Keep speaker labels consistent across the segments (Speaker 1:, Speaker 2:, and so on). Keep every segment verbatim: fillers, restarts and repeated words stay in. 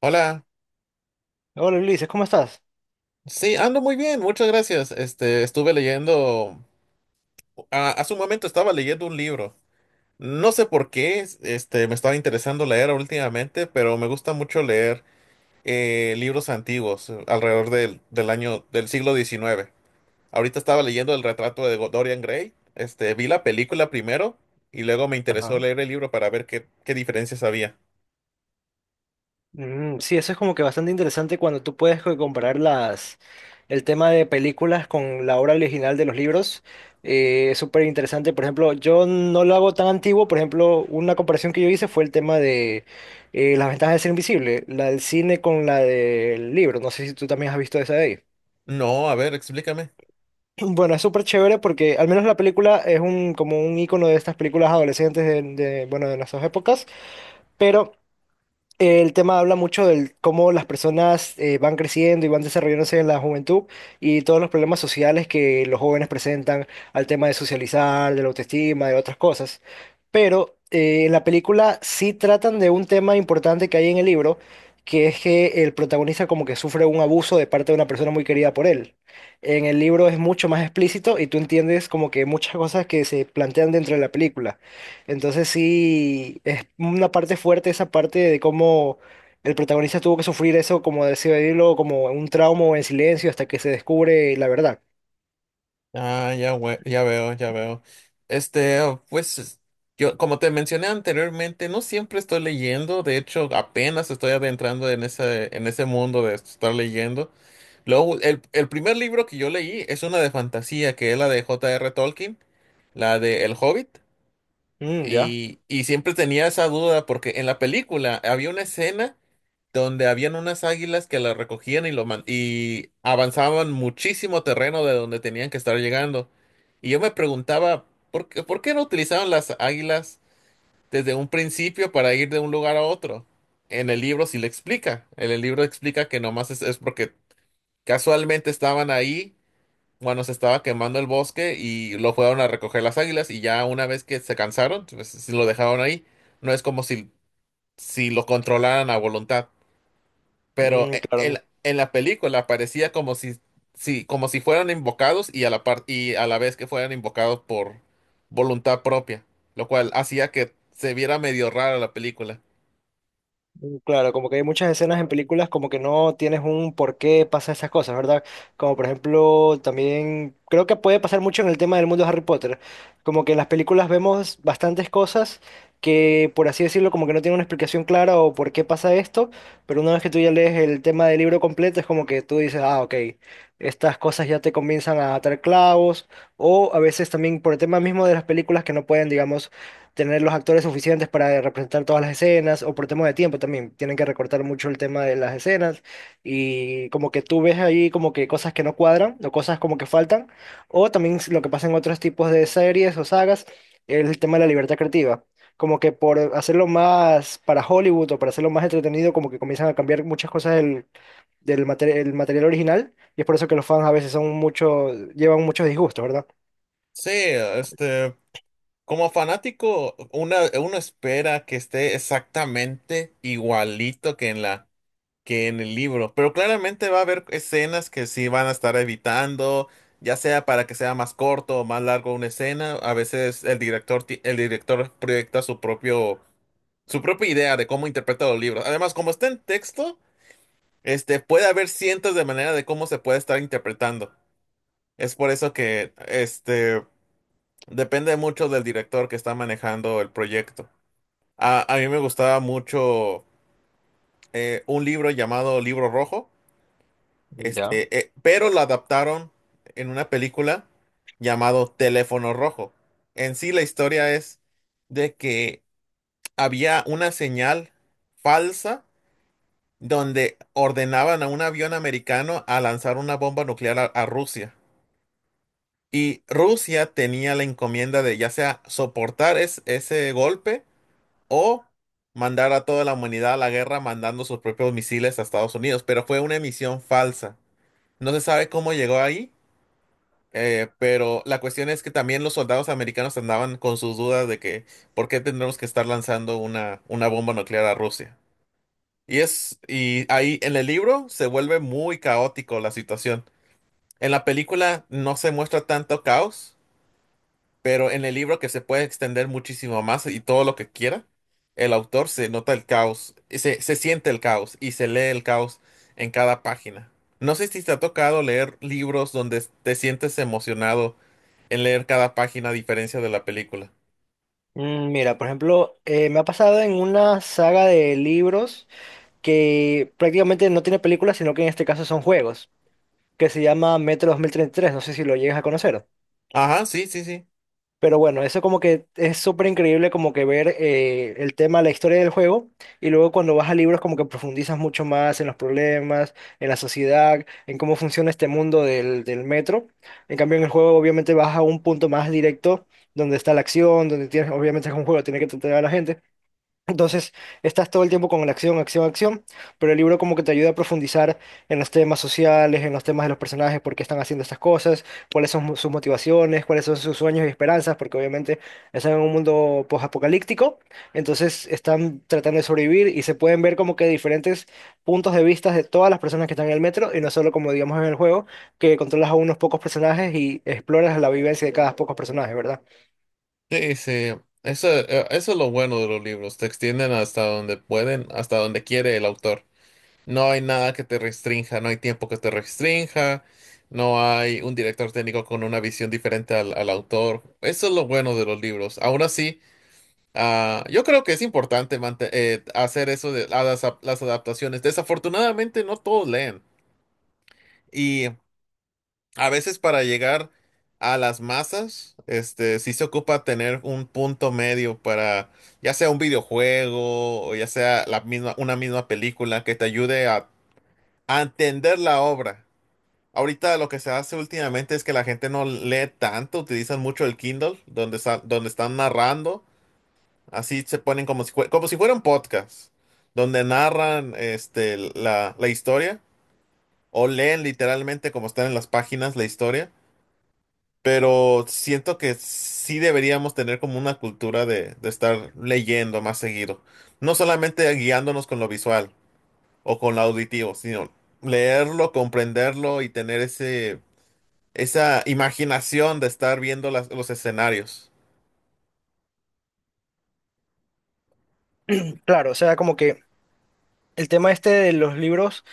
Speaker 1: Hola,
Speaker 2: Hola Ulises, ¿cómo estás?
Speaker 1: sí, ando muy bien, muchas gracias. Este, estuve leyendo, a- hace un momento estaba leyendo un libro. No sé por qué, este, me estaba interesando leer últimamente, pero me gusta mucho leer eh, libros antiguos, eh, alrededor del, del año, del siglo diecinueve. Ahorita estaba leyendo el retrato de Go- Dorian Gray. Este, vi la película primero y luego me interesó
Speaker 2: Ajá.
Speaker 1: leer el libro para ver qué, qué diferencias había.
Speaker 2: Mm, sí, eso es como que bastante interesante cuando tú puedes co- comparar las, el tema de películas con la obra original de los libros. Eh, es súper interesante. Por ejemplo, yo no lo hago tan antiguo. Por ejemplo, una comparación que yo hice fue el tema de eh, las ventajas de ser invisible, la del cine con la del libro. No sé si tú también has visto esa de ahí.
Speaker 1: No, a ver, explícame.
Speaker 2: Bueno, es súper chévere porque al menos la película es un, como un icono de estas películas adolescentes de, de, bueno, de nuestras épocas, pero... El tema habla mucho de cómo las personas eh, van creciendo y van desarrollándose en la juventud y todos los problemas sociales que los jóvenes presentan al tema de socializar, de la autoestima, de otras cosas. Pero eh, en la película sí tratan de un tema importante que hay en el libro, que es que el protagonista como que sufre un abuso de parte de una persona muy querida por él. En el libro es mucho más explícito y tú entiendes como que muchas cosas que se plantean dentro de la película. Entonces sí, es una parte fuerte esa parte de cómo el protagonista tuvo que sufrir eso, como decirlo, como un trauma o en silencio hasta que se descubre la verdad.
Speaker 1: Ah, ya, we- ya veo, ya veo. Este, oh, pues, es- yo, como te mencioné anteriormente, no siempre estoy leyendo. De hecho, apenas estoy adentrando en ese, en ese mundo de estar leyendo. Luego, el, el primer libro que yo leí es una de fantasía, que es la de J R. Tolkien, la de El Hobbit.
Speaker 2: Mm, ya.
Speaker 1: Y, y siempre tenía esa duda porque en la película había una escena donde habían unas águilas que las recogían y, lo man- y avanzaban muchísimo terreno de donde tenían que estar llegando. Y yo me preguntaba, ¿por qué, por qué no utilizaban las águilas desde un principio para ir de un lugar a otro? En el libro sí le explica. En el libro explica que nomás es, es porque casualmente estaban ahí cuando se estaba quemando el bosque y lo fueron a recoger las águilas y ya una vez que se cansaron, pues, sí lo dejaron ahí. No es como si, si lo controlaran a voluntad. Pero
Speaker 2: Mm,
Speaker 1: e- en,
Speaker 2: claro.
Speaker 1: la en la película parecía como si, si, como si fueran invocados y a la par- y a la vez que fueran invocados por voluntad propia, lo cual hacía que se viera medio rara la película.
Speaker 2: Mm, claro, como que hay muchas escenas en películas como que no tienes un por qué pasa esas cosas, ¿verdad? Como por ejemplo, también creo que puede pasar mucho en el tema del mundo de Harry Potter. Como que en las películas vemos bastantes cosas que, por así decirlo, como que no tienen una explicación clara o por qué pasa esto, pero una vez que tú ya lees el tema del libro completo, es como que tú dices, ah, ok, estas cosas ya te comienzan a atar clavos, o a veces también por el tema mismo de las películas que no pueden, digamos, tener los actores suficientes para representar todas las escenas, o por temas de tiempo también, tienen que recortar mucho el tema de las escenas, y como que tú ves ahí como que cosas que no cuadran, o cosas como que faltan, o también s- lo que pasa en otros tipos de series o sagas, es el tema de la libertad creativa. Como que por hacerlo más para Hollywood o para hacerlo más entretenido, como que comienzan a cambiar muchas cosas del, del mate- el material original, y es por eso que los fans a veces son mucho, llevan muchos disgustos,
Speaker 1: Sí, este, como fanático, una, uno espera que esté exactamente igualito que en la que en el libro. Pero claramente va a haber escenas que sí van a estar evitando, ya sea para que sea más corto o más largo una escena. A veces el director, ti- el director proyecta su propio, su propia idea de cómo interpreta los libros. Además, como está en texto, este, puede haber cientos de maneras de cómo se puede estar interpretando. Es por eso que, este, depende mucho del director que está manejando el proyecto. A, a mí me gustaba mucho eh, un libro llamado Libro Rojo.
Speaker 2: ¿verdad?
Speaker 1: Este, eh, pero la adaptaron en una película llamado Teléfono Rojo. En sí, la historia es de que había una señal falsa donde ordenaban a un avión americano a lanzar una bomba nuclear a, a Rusia. Y Rusia tenía la encomienda de ya sea soportar es- ese golpe o mandar a toda la humanidad a la guerra mandando sus propios misiles a Estados Unidos. Pero fue una misión falsa. No se sabe cómo llegó ahí. Eh, pero la cuestión es que también los soldados americanos andaban con sus dudas de que por qué tendremos que estar lanzando una, una bomba nuclear a Rusia. Y es, y ahí en el libro se vuelve muy caótico la situación. En la película no se muestra tanto caos, pero en el libro que se puede extender muchísimo más y todo lo que quiera, el autor se nota el caos, se, se siente el caos y se lee el caos en cada página. No sé si te ha tocado leer libros donde te sientes emocionado en leer cada página a diferencia de la película.
Speaker 2: Mm, mira, por ejemplo, eh, me ha pasado en una saga de libros que prácticamente no tiene películas, sino que en este caso son juegos, que se llama Metro dos mil treinta y tres, no sé si lo llegas a conocer.
Speaker 1: Ajá, sí, sí, sí.
Speaker 2: Pero bueno, eso como que es súper increíble como que ver eh, el tema, la historia del juego, y luego cuando vas a libros como que profundizas mucho más en los problemas, en la sociedad, en cómo funciona este mundo del, del metro. En cambio, en el juego obviamente vas a un punto más directo donde está la acción, donde tienes, obviamente es un juego, tiene que tratar a la gente. Entonces, estás todo el tiempo con la acción, acción, acción, pero el libro como que te ayuda a profundizar en los temas sociales, en los temas de los personajes, por qué están haciendo estas cosas, cuáles son sus motivaciones, cuáles son sus sueños y esperanzas, porque obviamente están en un mundo posapocalíptico, entonces están tratando de sobrevivir y se pueden ver como que diferentes puntos de vista de todas las personas que están en el metro y no solo como digamos en el juego, que controlas a unos pocos personajes y exploras la vivencia de cada pocos personajes, ¿verdad?
Speaker 1: Sí, sí. Eso, eh, eso es lo bueno de los libros. Te extienden hasta donde pueden, hasta donde quiere el autor. No hay nada que te restrinja, no hay tiempo que te restrinja, no hay un director técnico con una visión diferente al, al autor. Eso es lo bueno de los libros. Aún así, ah, yo creo que es importante mante- eh, hacer eso de a las, ap- las adaptaciones. Desafortunadamente, no todos leen. Y a veces para llegar a las masas, este, sí se ocupa tener un punto medio para, ya sea un videojuego o ya sea la misma, una misma película que te ayude a a entender la obra. Ahorita lo que se hace últimamente es que la gente no lee tanto, utilizan mucho el Kindle, donde, sa- donde están narrando, así se ponen como si, fue- como si fuera un podcast, donde narran este, la, la historia o leen literalmente como están en las páginas la historia, pero siento que sí deberíamos tener como una cultura de, de estar leyendo más seguido, no solamente guiándonos con lo visual o con lo auditivo, sino leerlo, comprenderlo y tener ese esa imaginación de estar viendo las- los escenarios.
Speaker 2: Claro, o sea, como que el tema este de los libros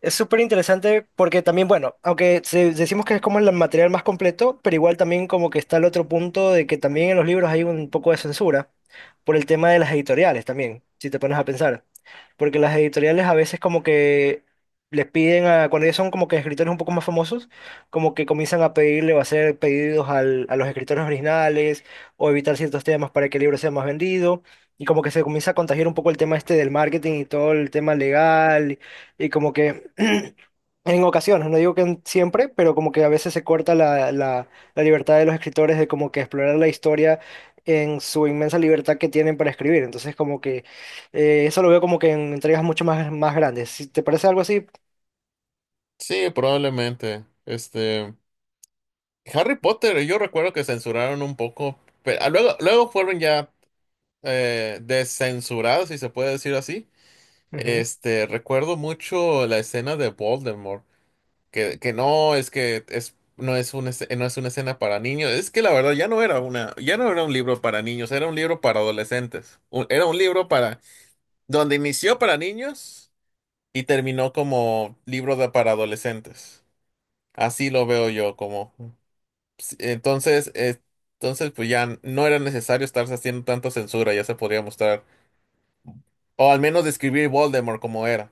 Speaker 2: es súper interesante porque también, bueno, aunque se- decimos que es como el material más completo, pero igual también como que está el otro punto de que también en los libros hay un poco de censura por el tema de las editoriales también, si te pones a pensar. Porque las editoriales a veces como que les piden a, cuando ellos son como que escritores un poco más famosos, como que comienzan a pedirle o a hacer pedidos al- a los escritores originales o evitar ciertos temas para que el libro sea más vendido. Y como que se comienza a contagiar un poco el tema este del marketing y todo el tema legal y como que en ocasiones, no digo que en- siempre, pero como que a veces se corta la, la, la libertad de los escritores de como que explorar la historia en su inmensa libertad que tienen para escribir. Entonces como que eh, eso lo veo como que en entregas mucho más, más grandes. ¿Si te parece algo así?
Speaker 1: Sí, probablemente. Este, Harry Potter, yo recuerdo que censuraron un poco, pero ah, luego, luego fueron ya eh, descensurados, si se puede decir así. Este, recuerdo mucho la escena de Voldemort, que, que no es que es, no es una, esce- no es una escena para niños. Es que la verdad ya no era una, ya no era un libro para niños, era un libro para adolescentes. Un- era un libro para, donde inició para niños. Y terminó como libro de para adolescentes. Así lo veo yo, como sí, entonces, eh, entonces pues ya no era necesario estarse haciendo tanta censura, ya se podría mostrar. O al menos describir Voldemort como era.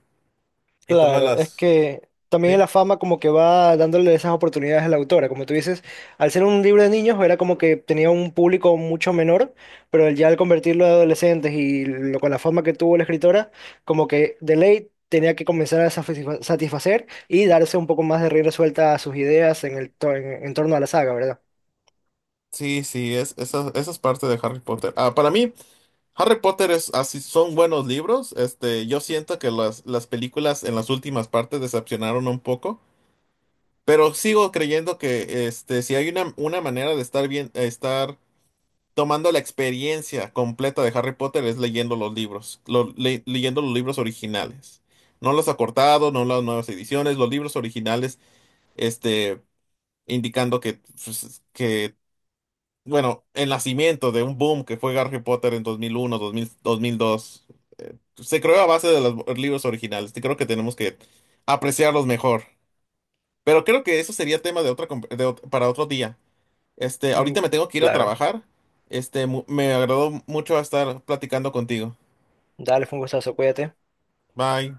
Speaker 1: Y todas
Speaker 2: Claro, es
Speaker 1: las.
Speaker 2: que también
Speaker 1: Sí,
Speaker 2: la fama como que va dándole esas oportunidades a la autora. Como tú dices, al ser un libro de niños era como que tenía un público mucho menor, pero ya al convertirlo a adolescentes y lo, con la fama que tuvo la escritora, como que de ley tenía que comenzar a satisfa- satisfacer y darse un poco más de rienda suelta a sus ideas en el to- en en torno a la saga, ¿verdad?
Speaker 1: sí, sí, es, esa, esa es parte de Harry Potter. Ah, para mí, Harry Potter es así, son buenos libros. Este, yo siento que las, las películas en las últimas partes decepcionaron un poco. Pero sigo creyendo que este, si hay una, una manera de estar bien, estar tomando la experiencia completa de Harry Potter es leyendo los libros, lo- le- leyendo los libros originales. No los acortados, no las nuevas ediciones, los libros originales, este, indicando que, pues, que, bueno, el nacimiento de un boom que fue Harry Potter en dos mil uno, dos mil, dos mil dos, eh, se creó a base de los libros originales. Y creo que tenemos que apreciarlos mejor. Pero creo que eso sería tema de otra, com- de ot- para otro día. Este,
Speaker 2: Mm,
Speaker 1: ahorita me tengo que ir a
Speaker 2: claro.
Speaker 1: trabajar. Este, mu- me agradó mucho estar platicando contigo.
Speaker 2: Dale, fue un gustazo, cuídate.
Speaker 1: Bye.